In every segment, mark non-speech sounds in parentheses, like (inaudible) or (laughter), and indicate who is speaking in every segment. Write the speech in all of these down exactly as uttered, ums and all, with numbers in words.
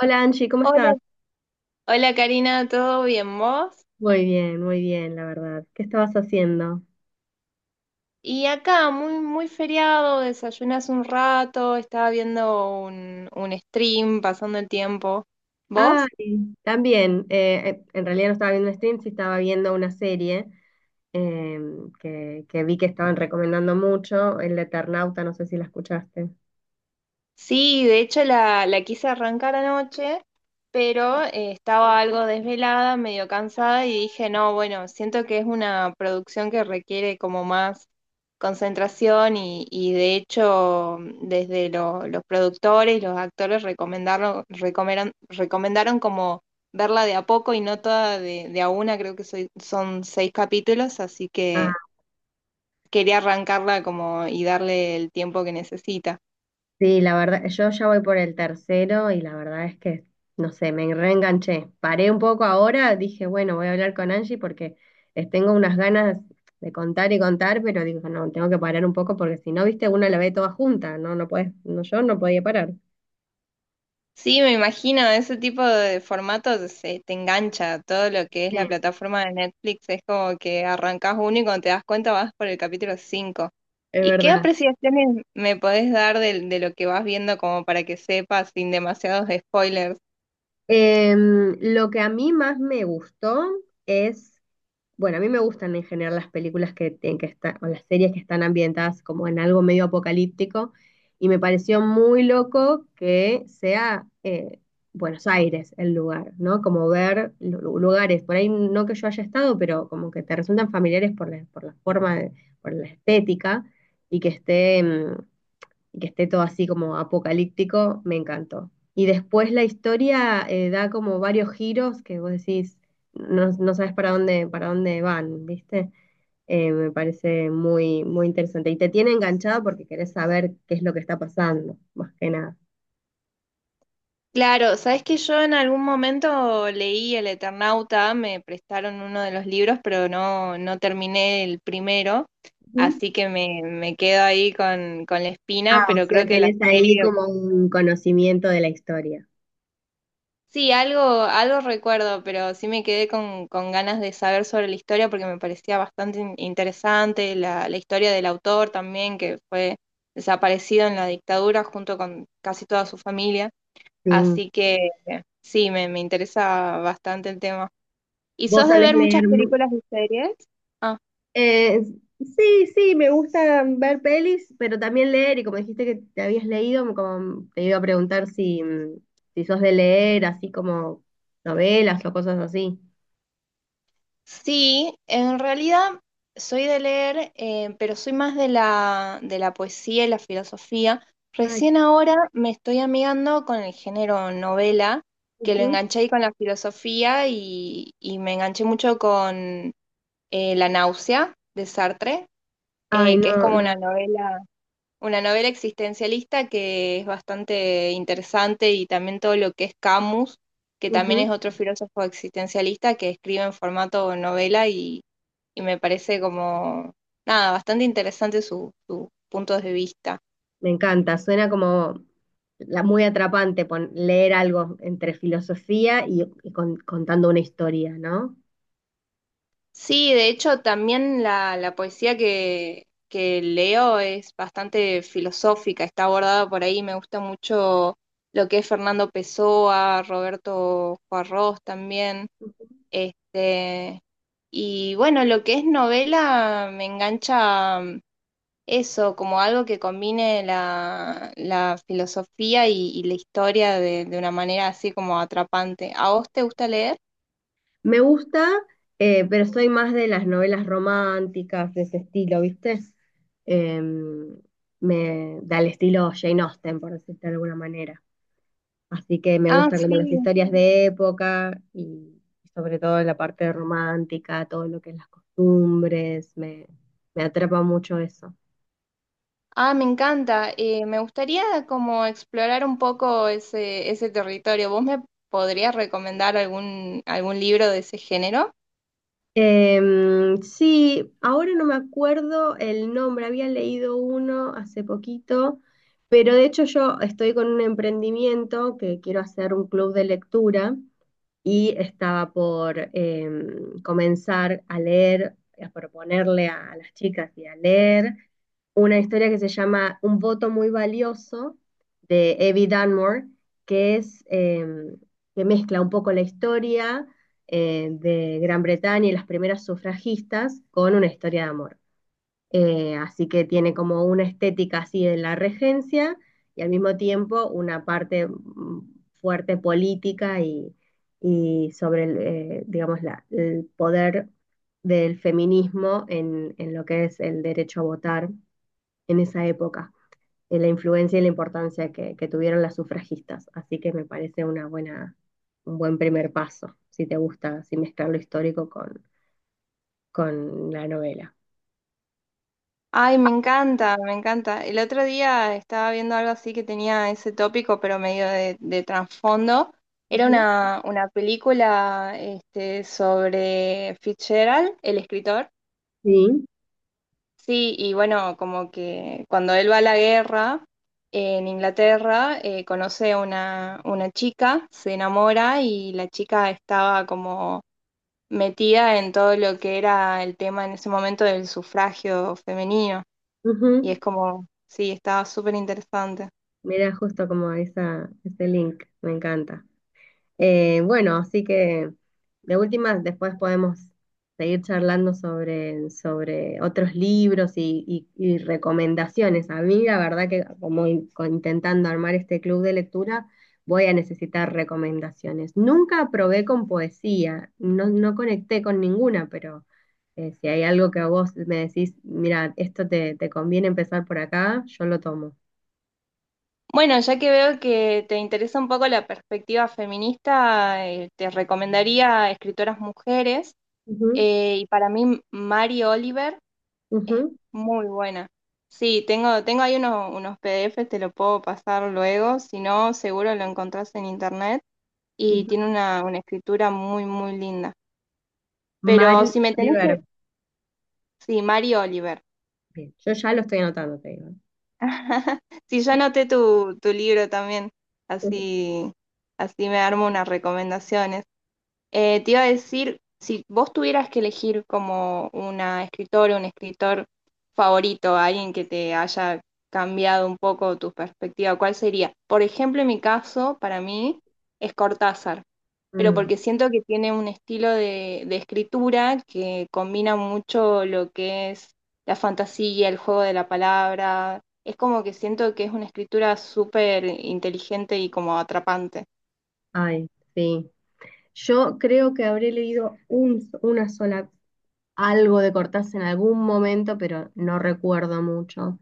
Speaker 1: Hola Angie, ¿cómo
Speaker 2: Hola,
Speaker 1: estás?
Speaker 2: hola Karina, ¿todo bien vos?
Speaker 1: Muy bien, muy bien, la verdad. ¿Qué estabas haciendo?
Speaker 2: Y acá, muy, muy feriado, desayunas un rato, estaba viendo un, un stream, pasando el tiempo.
Speaker 1: Ay,
Speaker 2: ¿Vos?
Speaker 1: también, eh, eh, en realidad no estaba viendo un stream, sí estaba viendo una serie eh, que, que vi que estaban recomendando mucho, El Eternauta, no sé si la escuchaste.
Speaker 2: Sí, de hecho la, la quise arrancar anoche, pero eh, estaba algo desvelada, medio cansada y dije, no, bueno, siento que es una producción que requiere como más concentración y, y de hecho desde lo- los productores, los actores recomendaron, recomendaron, recomendaron como verla de a poco y no toda de, de a una, creo que soy- son seis capítulos, así que quería arrancarla como y darle el tiempo que necesita.
Speaker 1: Sí, la verdad, yo ya voy por el tercero y la verdad es que, no sé, me reenganché. Paré un poco ahora, dije, bueno, voy a hablar con Angie porque les tengo unas ganas de contar y contar, pero digo, no, tengo que parar un poco porque si no, viste, uno la ve toda junta, no, no puedes, no, yo no podía parar.
Speaker 2: Sí, me imagino, ese tipo de formatos se te engancha, todo lo que es la
Speaker 1: Sí,
Speaker 2: plataforma de Netflix es como que arrancas uno y cuando te das cuenta vas por el capítulo cinco.
Speaker 1: es
Speaker 2: ¿Y qué
Speaker 1: verdad.
Speaker 2: apreciaciones me podés dar del- de, lo que vas viendo como para que sepas sin demasiados spoilers?
Speaker 1: Em, lo que a mí más me gustó es bueno, a mí me gustan en general las películas que tienen que estar, o las series que están ambientadas como en algo medio apocalíptico, y me pareció muy loco que sea eh, Buenos Aires el lugar, ¿no? Como ver lu- lu- lugares, por ahí no que yo haya estado, pero como que te resultan familiares por la, por la forma, de- por la estética, y que esté, mm, y que esté todo así como apocalíptico, me encantó. Y después la historia eh, da como varios giros que vos decís, no, no sabes para dónde, para dónde van, ¿viste? Eh, me parece muy, muy interesante. Y te tiene enganchado porque querés saber qué es lo que está pasando, más que nada.
Speaker 2: Claro, sabes que yo en algún momento leí El Eternauta, me prestaron uno de los libros, pero no, no terminé el primero,
Speaker 1: Ujú.
Speaker 2: así que me, me quedo ahí con, con la espina,
Speaker 1: Ah, o
Speaker 2: pero
Speaker 1: sea,
Speaker 2: creo que la
Speaker 1: tenés ahí
Speaker 2: serie.
Speaker 1: como un conocimiento de la historia.
Speaker 2: Sí, algo, algo recuerdo, pero sí me quedé con, con ganas de saber sobre la historia porque me parecía bastante in- interesante la, la historia del autor también, que fue desaparecido en la dictadura junto con casi toda su familia.
Speaker 1: Sí.
Speaker 2: Así que eh, sí, me, me interesa bastante el tema. ¿Y
Speaker 1: ¿Vos
Speaker 2: sos de
Speaker 1: sabés
Speaker 2: ver muchas
Speaker 1: leer?
Speaker 2: películas y series? Ah.
Speaker 1: Eh, sí, sí, me gusta ver pelis, pero también leer, y como dijiste que te habías leído, me- como te iba a preguntar si, mm, si sos de leer, así como novelas o cosas así.
Speaker 2: Sí, en realidad soy de leer, eh, pero soy más de la, de la poesía y la filosofía.
Speaker 1: Ay, qué,
Speaker 2: Recién ahora me estoy amigando con el género novela, que lo
Speaker 1: ujú.
Speaker 2: enganché ahí con la filosofía y, y me enganché mucho con eh, La náusea de Sartre,
Speaker 1: Ay,
Speaker 2: eh, que es
Speaker 1: no,
Speaker 2: como una
Speaker 1: no.
Speaker 2: novela. Una novela existencialista que es bastante interesante y también todo lo que es Camus, que también es
Speaker 1: Ujú.
Speaker 2: otro filósofo existencialista que escribe en formato novela y, y me parece como, nada, bastante interesante su, su punto de vista.
Speaker 1: Me encanta, suena como la, muy atrapante pon- leer algo entre filosofía y, y con- contando una historia, ¿no?
Speaker 2: Sí, de hecho también la, la poesía que, que leo es bastante filosófica, está abordada por ahí, me gusta mucho lo que es Fernando Pessoa, Roberto Juarros también. Este, y bueno, lo que es novela me engancha, mm, eso, como algo que combine la, la filosofía y, y la historia de, de una manera así como atrapante. ¿A vos te gusta leer?
Speaker 1: Me gusta, eh, pero soy más de las novelas románticas, de ese estilo, ¿viste? Em, Me da el estilo Jane Austen, por decirlo de alguna manera. Así que me
Speaker 2: Ah,
Speaker 1: gustan como
Speaker 2: sí.
Speaker 1: las historias de época y sobre todo la parte romántica, todo lo que es las costumbres, me, me atrapa mucho eso.
Speaker 2: Ah, me encanta. Eh, me gustaría como explorar un poco ese, ese territorio. ¿Vos me podrías recomendar algún, algún libro de ese género?
Speaker 1: Em, sí, ahora no me acuerdo el nombre, había leído uno hace poquito, pero de hecho yo estoy con un emprendimiento que quiero hacer un club de lectura y estaba por eh, comenzar a leer, a proponerle a, a las chicas y a leer una historia que se llama Un voto muy valioso de Evie Dunmore, que es eh, que mezcla un poco la historia eh, de Gran Bretaña y las primeras sufragistas con una historia de amor. Eh, así que tiene como una estética así de la regencia y al mismo tiempo una parte mm, fuerte política y, y sobre el, eh, digamos, la- el poder del feminismo en, en lo que es el derecho a votar en esa época, en la influencia y la importancia que, que tuvieron las sufragistas. Así que me parece una buena, un buen primer paso, si te gusta, si mezclar lo histórico con, con la novela.
Speaker 2: Ay, me encanta, me encanta. El otro día estaba viendo algo así que tenía ese tópico, pero medio de, de trasfondo. Era
Speaker 1: Ujú.
Speaker 2: una, una película este, sobre Fitzgerald, el escritor.
Speaker 1: Sí.
Speaker 2: Sí, y bueno, como que cuando él va a la guerra eh, en Inglaterra, eh, conoce a una, una chica, se enamora y la chica estaba como metida en todo lo que era el tema en ese momento del sufragio femenino. Y
Speaker 1: Ujú.
Speaker 2: es como, sí, está súper interesante.
Speaker 1: Mira, justo como esa, ese link, me encanta. Eh, bueno, así que de última, después podemos seguir charlando sobre, sobre otros libros y, y- y recomendaciones. A mí, la verdad que como in- co- intentando armar este club de lectura, voy a necesitar recomendaciones. Nunca probé con poesía, no, no conecté con ninguna, pero eh, si hay algo que vos me decís, mira, esto te, te conviene empezar por acá, yo lo tomo.
Speaker 2: Bueno, ya que veo que te interesa un poco la perspectiva feminista, eh, te recomendaría escritoras mujeres.
Speaker 1: Ujú,
Speaker 2: Eh, y para mí, Mary Oliver es
Speaker 1: ujú.
Speaker 2: muy buena. Sí, tengo, tengo ahí unos, unos P D Es, te lo puedo pasar luego. Si no, seguro lo encontrás en internet. Y
Speaker 1: Ujú.
Speaker 2: tiene una, una escritura muy, muy linda. Pero
Speaker 1: Mari
Speaker 2: si me tenés que...
Speaker 1: Oliver.
Speaker 2: Sí, Mary Oliver.
Speaker 1: Bien, yo ya lo estoy anotando, te digo.
Speaker 2: (laughs) Sí, yo anoté tu, tu libro también,
Speaker 1: Ujú.
Speaker 2: así, así me armo unas recomendaciones. Eh, te iba a decir, si vos tuvieras que elegir como una escritora, un escritor favorito, alguien que te haya cambiado un poco tu perspectiva, ¿cuál sería? Por ejemplo, en mi caso, para mí, es Cortázar, pero
Speaker 1: Mm,
Speaker 2: porque siento que tiene un estilo de, de escritura que combina mucho lo que es la fantasía, el juego de la palabra. Es como que siento que es una escritura súper inteligente y como atrapante.
Speaker 1: ay, sí. Yo creo que habré leído un- una sola, algo de Cortázar en algún momento, pero no recuerdo mucho.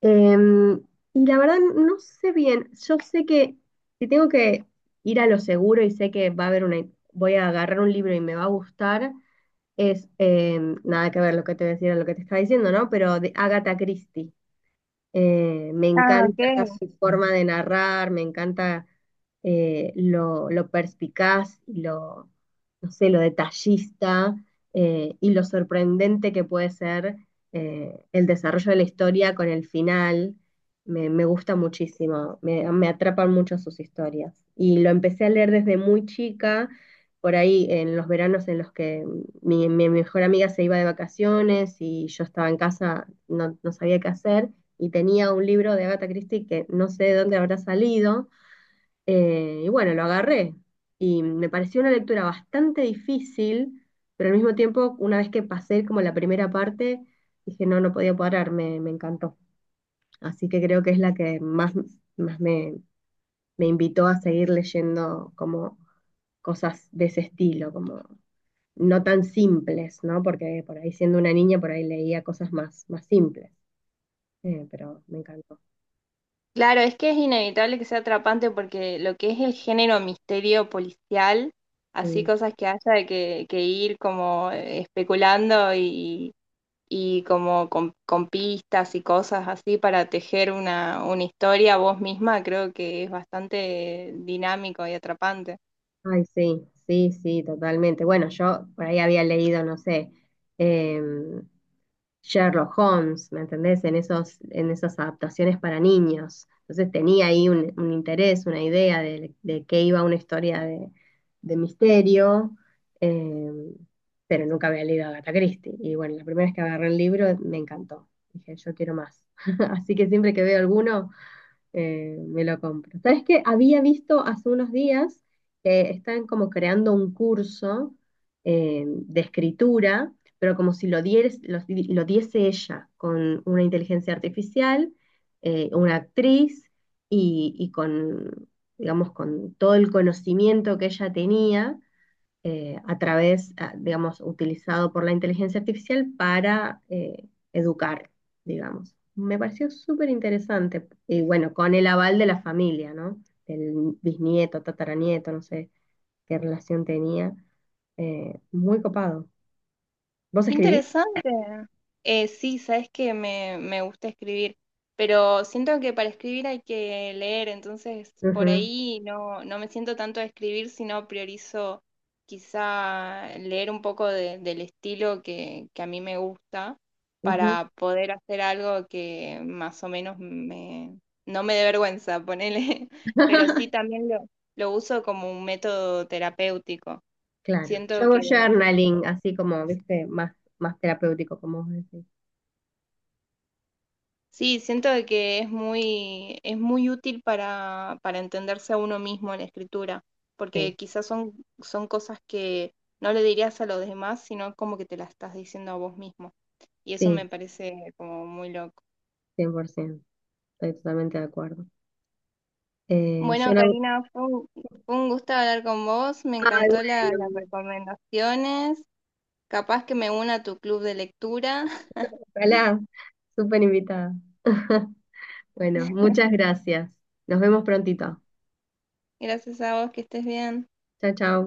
Speaker 1: Em, y la verdad no sé bien. Yo sé que si tengo que ir a lo seguro y sé que va a haber una, voy a agarrar un libro y me va a gustar, es em, nada que ver lo que te decía, lo que te estaba diciendo, ¿no? Pero de Agatha Christie. Eh, me
Speaker 2: Ah, ok.
Speaker 1: encanta su forma de narrar, me encanta eh, lo, lo perspicaz y lo, no sé, lo detallista eh, y lo sorprendente que puede ser eh, el desarrollo de la historia con el final. Me, me gusta muchísimo, me, me atrapan mucho sus historias. Y lo empecé a leer desde muy chica, por ahí en los veranos en los que mi, mi mejor amiga se iba de vacaciones y yo estaba en casa, no, no sabía qué hacer y tenía un libro de Agatha Christie que no sé de dónde habrá salido, eh, y bueno, lo agarré. Y me pareció una lectura bastante difícil, pero al mismo tiempo, una vez que pasé como la primera parte, dije, no, no podía parar, me, me encantó. Así que creo que es la que más, más me, me invitó a seguir leyendo como cosas de ese estilo, como no tan simples, ¿no? Porque por ahí siendo una niña, por ahí leía cosas más, más simples, eh, pero me encantó.
Speaker 2: Claro, es que es inevitable que sea atrapante porque lo que es el género misterio policial, así
Speaker 1: Y
Speaker 2: cosas que haya que, que ir como especulando y, y como con, con pistas y cosas así para tejer una, una historia vos misma, creo que es bastante dinámico y atrapante.
Speaker 1: ay, sí, sí, sí, totalmente. Bueno, yo por ahí había leído, no sé, em, Sherlock Holmes, ¿me entendés? En esos, en esas adaptaciones para niños. Entonces tenía ahí un, un interés, una idea de, de qué iba una historia de, de misterio, em, pero nunca había leído a Agatha Christie. Y bueno, la primera vez que agarré el libro me encantó. Dije, yo quiero más. (laughs) Así que siempre que veo alguno eh, me lo compro. ¿Sabes qué? Había visto hace unos días que están como creando un curso eh, de escritura, pero como si lo, dieres- lo, di- lo diese ella, con una inteligencia artificial, eh, una actriz y, y con, digamos, con todo el conocimiento que ella tenía eh, a través, ah, digamos, utilizado por la inteligencia artificial para eh, educar, digamos. Me pareció súper interesante. Y bueno, con el aval de la familia, ¿no? Del bisnieto, tataranieto, no sé qué relación tenía. Eh, muy copado. ¿Vos
Speaker 2: Qué
Speaker 1: escribís?
Speaker 2: interesante. Eh, sí, sabes que me, me gusta escribir, pero siento que para escribir hay que leer, entonces por
Speaker 1: Ujú,
Speaker 2: ahí no, no me siento tanto a escribir, sino priorizo quizá leer un poco de- del estilo que, que a mí me gusta
Speaker 1: ujú,
Speaker 2: para poder hacer algo que más o menos me, no me dé vergüenza, ponele, (laughs) pero sí también lo, lo uso como un método terapéutico.
Speaker 1: claro. Yo
Speaker 2: Siento
Speaker 1: hago
Speaker 2: que...
Speaker 1: journaling, así como, viste, más, más terapéutico, como vos decís.
Speaker 2: Sí, siento de que es muy, es muy útil para, para entenderse a uno mismo en la escritura,
Speaker 1: Sí,
Speaker 2: porque quizás son, son cosas que no le dirías a los demás, sino como que te las estás diciendo a vos mismo. Y eso
Speaker 1: sí,
Speaker 2: me parece como muy loco.
Speaker 1: cien por ciento. Estoy totalmente de acuerdo. Eh, yo
Speaker 2: Bueno,
Speaker 1: no...
Speaker 2: Karina, fue un, fue un gusto hablar con vos, me
Speaker 1: Ay,
Speaker 2: encantó la- las
Speaker 1: bueno.
Speaker 2: recomendaciones, capaz que me una a tu club de lectura. (laughs)
Speaker 1: Hola, súper invitada. (laughs) Bueno, muchas gracias. Nos vemos prontito.
Speaker 2: Gracias a vos, que estés bien.
Speaker 1: Chao, chao.